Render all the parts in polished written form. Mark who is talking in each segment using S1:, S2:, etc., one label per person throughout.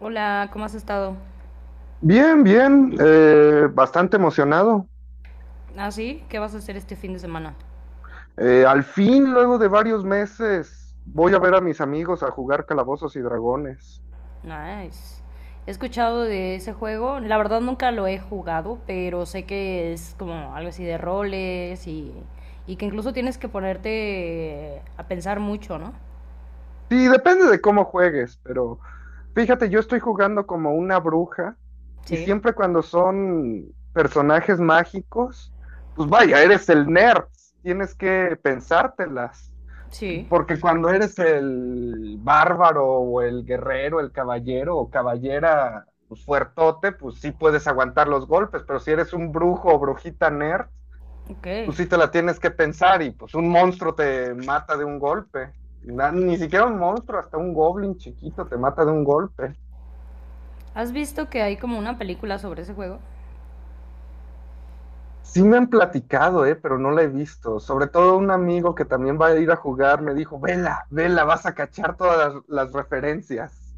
S1: Hola, ¿cómo has estado?
S2: Bien, bien, bastante emocionado.
S1: ¿Ah, sí? ¿Qué vas a hacer este fin de semana?
S2: Al fin, luego de varios meses, voy a ver a mis amigos a jugar Calabozos y Dragones.
S1: Nice. He escuchado de ese juego. La verdad nunca lo he jugado, pero sé que es como algo así de roles y que incluso tienes que ponerte a pensar mucho, ¿no?
S2: Sí, depende de cómo juegues, pero fíjate, yo estoy jugando como una bruja y
S1: Sí,
S2: siempre cuando son personajes mágicos, pues vaya, eres el nerd, tienes que pensártelas.
S1: sí.
S2: Porque cuando eres el bárbaro o el guerrero, el caballero o caballera pues, fuertote, pues sí puedes aguantar los golpes, pero si eres un brujo o brujita nerd,
S1: Ok.
S2: pues sí te la tienes que pensar y pues un monstruo te mata de un golpe. Ni siquiera un monstruo, hasta un goblin chiquito te mata de un golpe.
S1: ¿Has visto que hay como una película sobre ese juego?
S2: Sí me han platicado, pero no la he visto. Sobre todo un amigo que también va a ir a jugar me dijo, vela, vela, vas a cachar todas las referencias.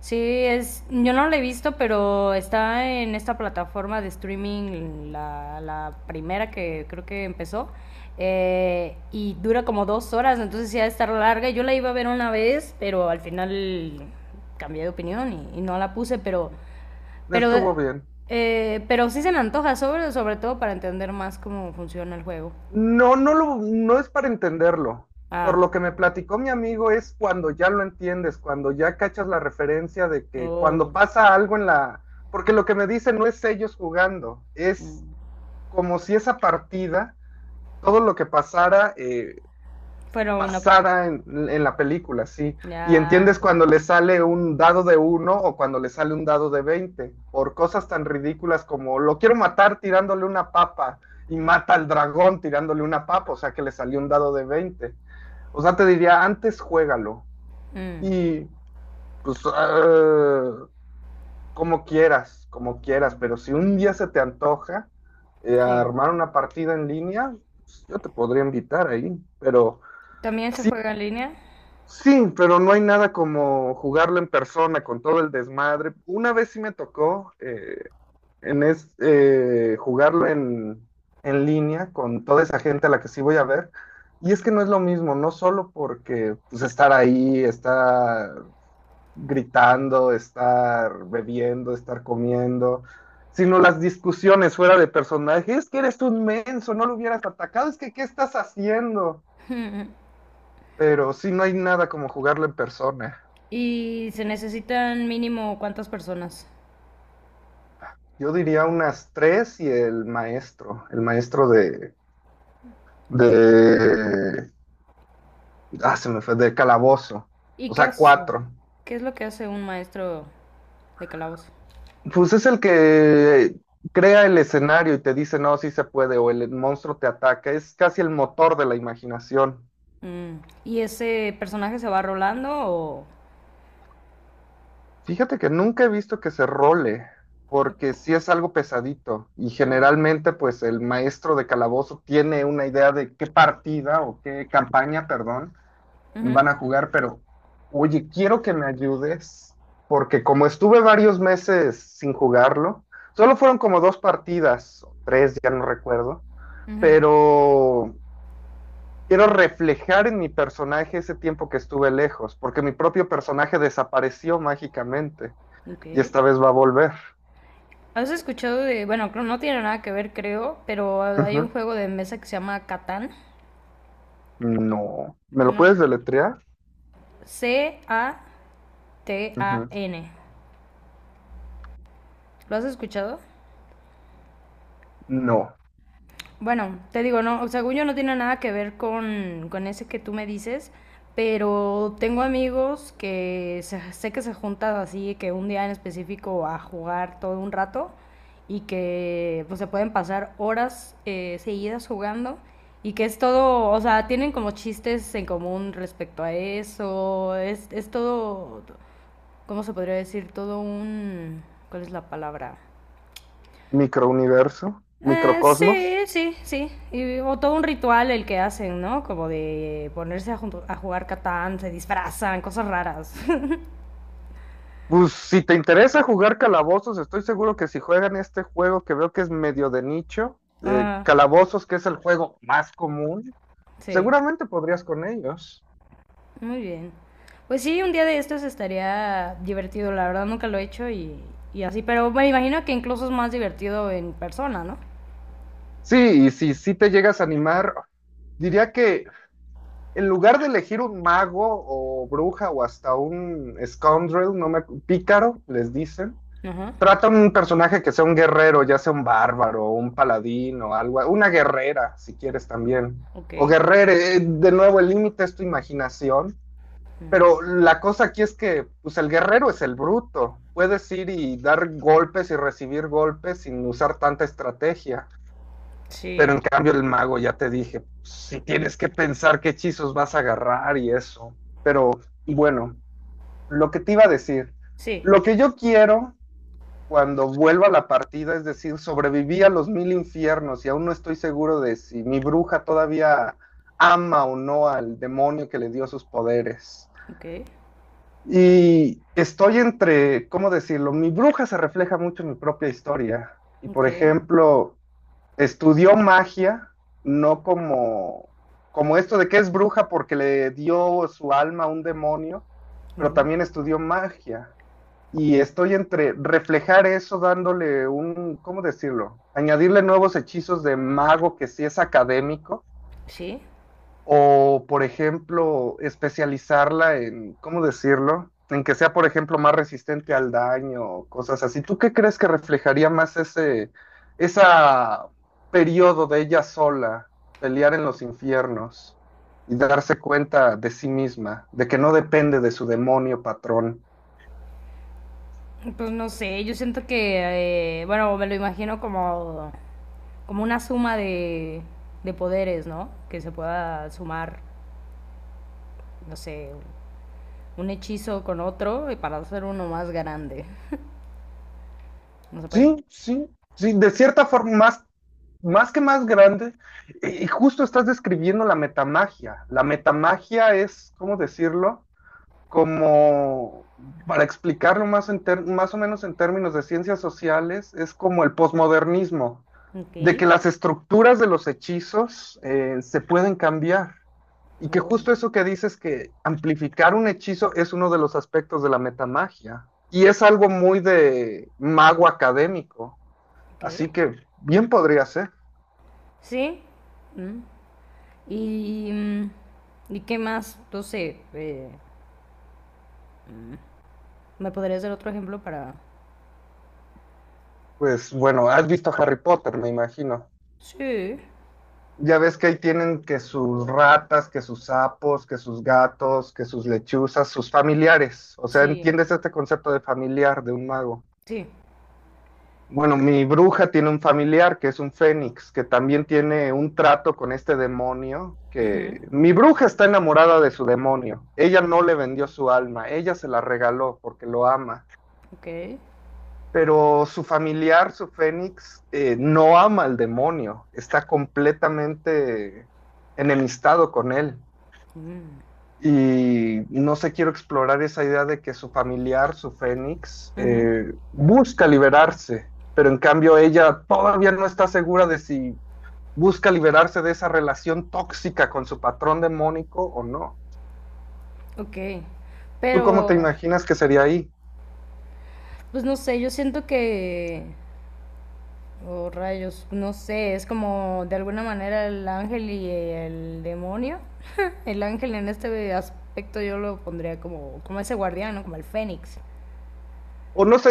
S1: Sí, es, yo no la he visto, pero está en esta plataforma de streaming, la primera que creo que empezó, y dura como 2 horas, entonces sí ha de estar larga. Yo la iba a ver una vez, pero al final cambié de opinión y no la puse, pero,
S2: Estuvo bien.
S1: pero sí se me antoja, sobre todo para entender más cómo funciona el juego.
S2: No, no es para entenderlo. Por
S1: Ah,
S2: lo que me platicó mi amigo es cuando ya lo entiendes, cuando ya cachas la referencia de que cuando
S1: oh,
S2: pasa algo en la. Porque lo que me dicen no es ellos jugando, es
S1: mm.
S2: como si esa partida, todo lo que pasara,
S1: Fueron una.
S2: pasada en, la película, sí. Y
S1: Ya,
S2: entiendes
S1: ya.
S2: cuando le sale un dado de uno o cuando le sale un dado de 20 por cosas tan ridículas como lo quiero matar tirándole una papa y mata al dragón tirándole una papa, o sea que le salió un dado de 20. O sea, te diría, antes juégalo
S1: Mm,
S2: y pues como quieras, pero si un día se te antoja
S1: sí.
S2: armar una partida en línea, pues, yo te podría invitar ahí, pero.
S1: ¿También se juega en línea?
S2: Sí, pero no hay nada como jugarlo en persona con todo el desmadre. Una vez sí me tocó jugarlo en línea con toda esa gente a la que sí voy a ver. Y es que no es lo mismo, no solo porque pues, estar ahí, estar gritando, estar bebiendo, estar comiendo, sino las discusiones fuera de personaje. Es que eres un menso, no lo hubieras atacado, es que ¿qué estás haciendo? Pero sí, no hay nada como jugarlo en persona.
S1: ¿Y se necesitan mínimo cuántas personas?
S2: Yo diría unas tres y el maestro de, de, se me fue, de calabozo,
S1: ¿Y
S2: o
S1: qué
S2: sea,
S1: hace?
S2: cuatro.
S1: ¿Qué es lo que hace un maestro de calabozo?
S2: Pues es el que crea el escenario y te dice, no, sí se puede, o el monstruo te ataca, es casi el motor de la imaginación.
S1: Mm. ¿Y ese personaje se va rolando o...?
S2: Fíjate que nunca he visto que se role, porque sí es algo pesadito, y
S1: o-
S2: generalmente pues el maestro de calabozo tiene una idea de qué partida o qué campaña, perdón,
S1: Ujú,
S2: van a jugar, pero oye, quiero que me ayudes, porque como estuve varios meses sin jugarlo, solo fueron como dos partidas, o tres, ya no recuerdo,
S1: ujú,
S2: pero quiero reflejar en mi personaje ese tiempo que estuve lejos, porque mi propio personaje desapareció mágicamente
S1: ok.
S2: y esta vez va a volver.
S1: ¿Has escuchado de...? Bueno, no tiene nada que ver, creo, pero hay un
S2: Ujú.
S1: juego de mesa que se llama Catán.
S2: No. ¿Me lo
S1: No.
S2: puedes deletrear?
S1: Catán.
S2: Ujú.
S1: ¿Lo has escuchado?
S2: No.
S1: Bueno, te digo, no, según yo no tiene nada que ver con ese que tú me dices, pero tengo amigos que sé que se juntan así, que un día en específico a jugar todo un rato y que pues se pueden pasar horas seguidas jugando y que es todo, o sea, tienen como chistes en común respecto a eso, es todo, ¿cómo se podría decir? Todo un, ¿cuál es la palabra?
S2: Microuniverso,
S1: Sí,
S2: microcosmos.
S1: sí, sí. Y, o todo un ritual el que hacen, ¿no? Como de ponerse a, a jugar Catán, se disfrazan, cosas raras.
S2: Pues si te interesa jugar calabozos, estoy seguro que si juegan este juego que veo que es medio de nicho,
S1: Ajá,
S2: calabozos, que es el juego más común,
S1: sí,
S2: seguramente podrías con ellos.
S1: muy bien. Pues sí, un día de estos estaría divertido, la verdad nunca lo he hecho y así, pero me imagino que incluso es más divertido en persona, ¿no?
S2: Sí, y si sí te llegas a animar, diría que en lugar de elegir un mago o bruja o hasta un scoundrel, no me, acu- pícaro, les dicen.
S1: Ajá,
S2: Trata un personaje que sea un guerrero, ya sea un bárbaro, un paladín o algo, una guerrera, si quieres también.
S1: ok.
S2: O guerrere, de nuevo, el límite es tu imaginación, pero la cosa aquí es que, pues el guerrero es el bruto. Puedes ir y dar golpes y recibir golpes sin usar tanta estrategia,
S1: Sí,
S2: pero en cambio el mago, ya te dije, si tienes que pensar qué hechizos vas a agarrar y eso. Pero bueno, lo que te iba a decir,
S1: sí,
S2: lo que yo quiero cuando vuelva a la partida, es decir, sobreviví a los mil infiernos y aún no estoy seguro de si mi bruja todavía ama o no al demonio que le dio sus poderes.
S1: ok,
S2: Y estoy entre, ¿cómo decirlo? Mi bruja se refleja mucho en mi propia historia. Y
S1: ok.
S2: por ejemplo, estudió magia, no como esto de que es bruja porque le dio su alma a un demonio, pero
S1: Ujú,
S2: también estudió magia. Y estoy entre reflejar eso dándole un, ¿cómo decirlo? Añadirle nuevos hechizos de mago que sí es académico
S1: sí.
S2: o, por ejemplo, especializarla en, ¿cómo decirlo? En que sea, por ejemplo, más resistente al daño, cosas así. ¿Tú qué crees que reflejaría más esa periodo de ella sola, pelear en los infiernos y darse cuenta de sí misma, de que no depende de su demonio patrón?
S1: Pues no sé, yo siento que, bueno, me lo imagino como una suma de poderes, ¿no? Que se pueda sumar, no sé, un hechizo con otro y para hacer uno más grande. ¿No se puede?
S2: Sí, sí, sí, de cierta forma, más que más grande. Y justo estás describiendo la metamagia. La metamagia es, ¿cómo decirlo? Como, para explicarlo más, más o menos en términos de ciencias sociales, es como el posmodernismo,
S1: Ok.
S2: de que las estructuras de los hechizos se pueden cambiar. Y que
S1: Oh,
S2: justo eso que dices, que amplificar un hechizo, es uno de los aspectos de la metamagia. Y es algo muy de mago académico.
S1: ok.
S2: Así que bien podría ser.
S1: Sí. Mm. Y, ¿y qué más? No sé, ¿me podrías dar otro ejemplo para...?
S2: Pues bueno, has visto Harry Potter, me imagino.
S1: Sí.
S2: Ya ves que ahí tienen que sus ratas, que sus sapos, que sus gatos, que sus lechuzas, sus familiares. O sea,
S1: Sí.
S2: ¿entiendes este concepto de familiar de un mago?
S1: Sí.
S2: Bueno, mi bruja tiene un familiar que es un fénix, que también tiene un trato con este demonio,
S1: Ujú.
S2: que mi bruja está enamorada de su demonio. Ella no le vendió su alma, ella se la regaló porque lo ama.
S1: Ok.
S2: Pero su familiar, su fénix, no ama al demonio, está completamente enemistado con él. Y no sé, quiero explorar esa idea de que su familiar, su Fénix,
S1: Ujú.
S2: busca liberarse, pero en cambio ella todavía no está segura de si busca liberarse de esa relación tóxica con su patrón demónico o no.
S1: Ok,
S2: ¿Tú cómo te
S1: pero
S2: imaginas que sería ahí?
S1: pues no sé, yo siento que, oh rayos, no sé, es como de alguna manera el ángel y el demonio. El ángel en este aspecto yo lo pondría como, como ese guardián, ¿no? Como el fénix.
S2: O no sé,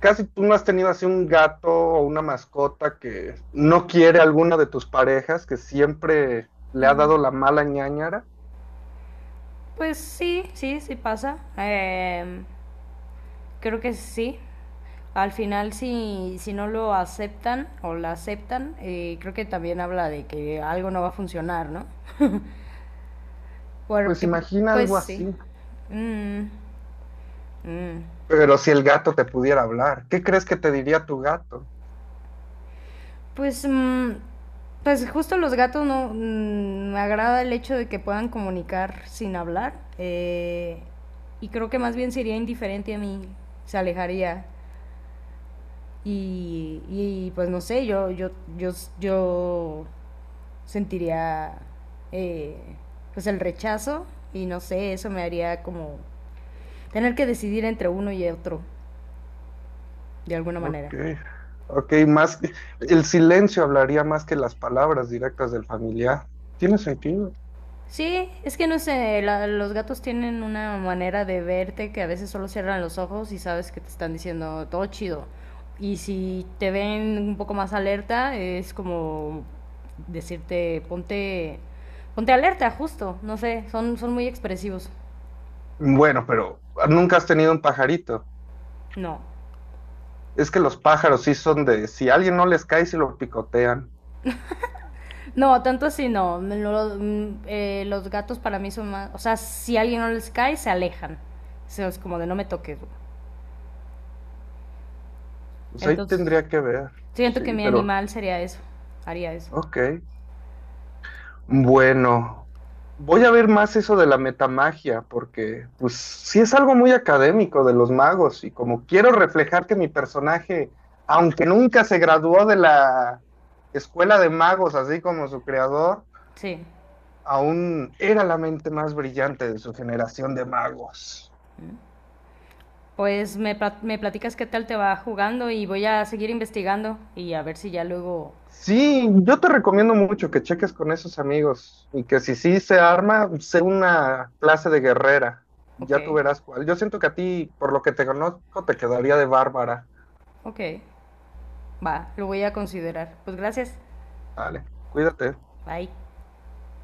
S2: casi tú no has tenido así un gato o una mascota que no quiere alguna de tus parejas, que siempre le ha dado la mala ñáñara.
S1: Pues sí, sí, sí pasa. Creo que sí. Al final, si, si no lo aceptan o la aceptan, creo que también habla de que algo no va a funcionar, ¿no?
S2: Pues
S1: Porque,
S2: imagina
S1: pues
S2: algo así.
S1: sí. Mm. Mm,
S2: Pero si el gato te pudiera hablar, ¿qué crees que te diría tu gato?
S1: Pues, mm, pues justo los gatos no me agrada el hecho de que puedan comunicar sin hablar y creo que más bien sería indiferente a mí, se alejaría y, pues no sé, yo yo sentiría eh, pues el rechazo y no sé, eso me haría como tener que decidir entre uno y otro de alguna manera.
S2: Ok, ok, más el silencio hablaría más que las palabras directas del familiar. Tiene sentido.
S1: Sí, es que no sé, los gatos tienen una manera de verte que a veces solo cierran los ojos y sabes que te están diciendo todo chido. Y si te ven un poco más alerta, es como decirte ponte alerta, justo, no sé, son muy expresivos.
S2: Bueno, pero nunca has tenido un pajarito.
S1: No.
S2: Es que los pájaros sí son de, si a alguien no les cae, se lo picotean.
S1: No, tanto así no. Los gatos para mí son más, o sea, si a alguien no les cae, se alejan. O sea, es como de no me toques, güey.
S2: Pues ahí
S1: Entonces,
S2: tendría que ver.
S1: siento que
S2: Sí,
S1: mi
S2: pero,
S1: animal sería eso, haría eso.
S2: ok. Bueno, voy a ver más eso de la metamagia, porque pues sí es algo muy académico de los magos y como quiero reflejar que mi personaje, aunque nunca se graduó de la escuela de magos, así como su creador,
S1: Sí.
S2: aún era la mente más brillante de su generación de magos.
S1: Pues me platicas qué tal te va jugando y voy a seguir investigando y a ver si ya luego...
S2: Sí, yo te recomiendo mucho que cheques con esos amigos y que si sí se arma, sé una clase de guerrera.
S1: Ok,
S2: Ya tú verás cuál. Yo siento que a ti, por lo que te conozco, te quedaría de bárbara.
S1: ok. Va, lo voy a considerar. Pues gracias.
S2: Dale, cuídate.
S1: Bye.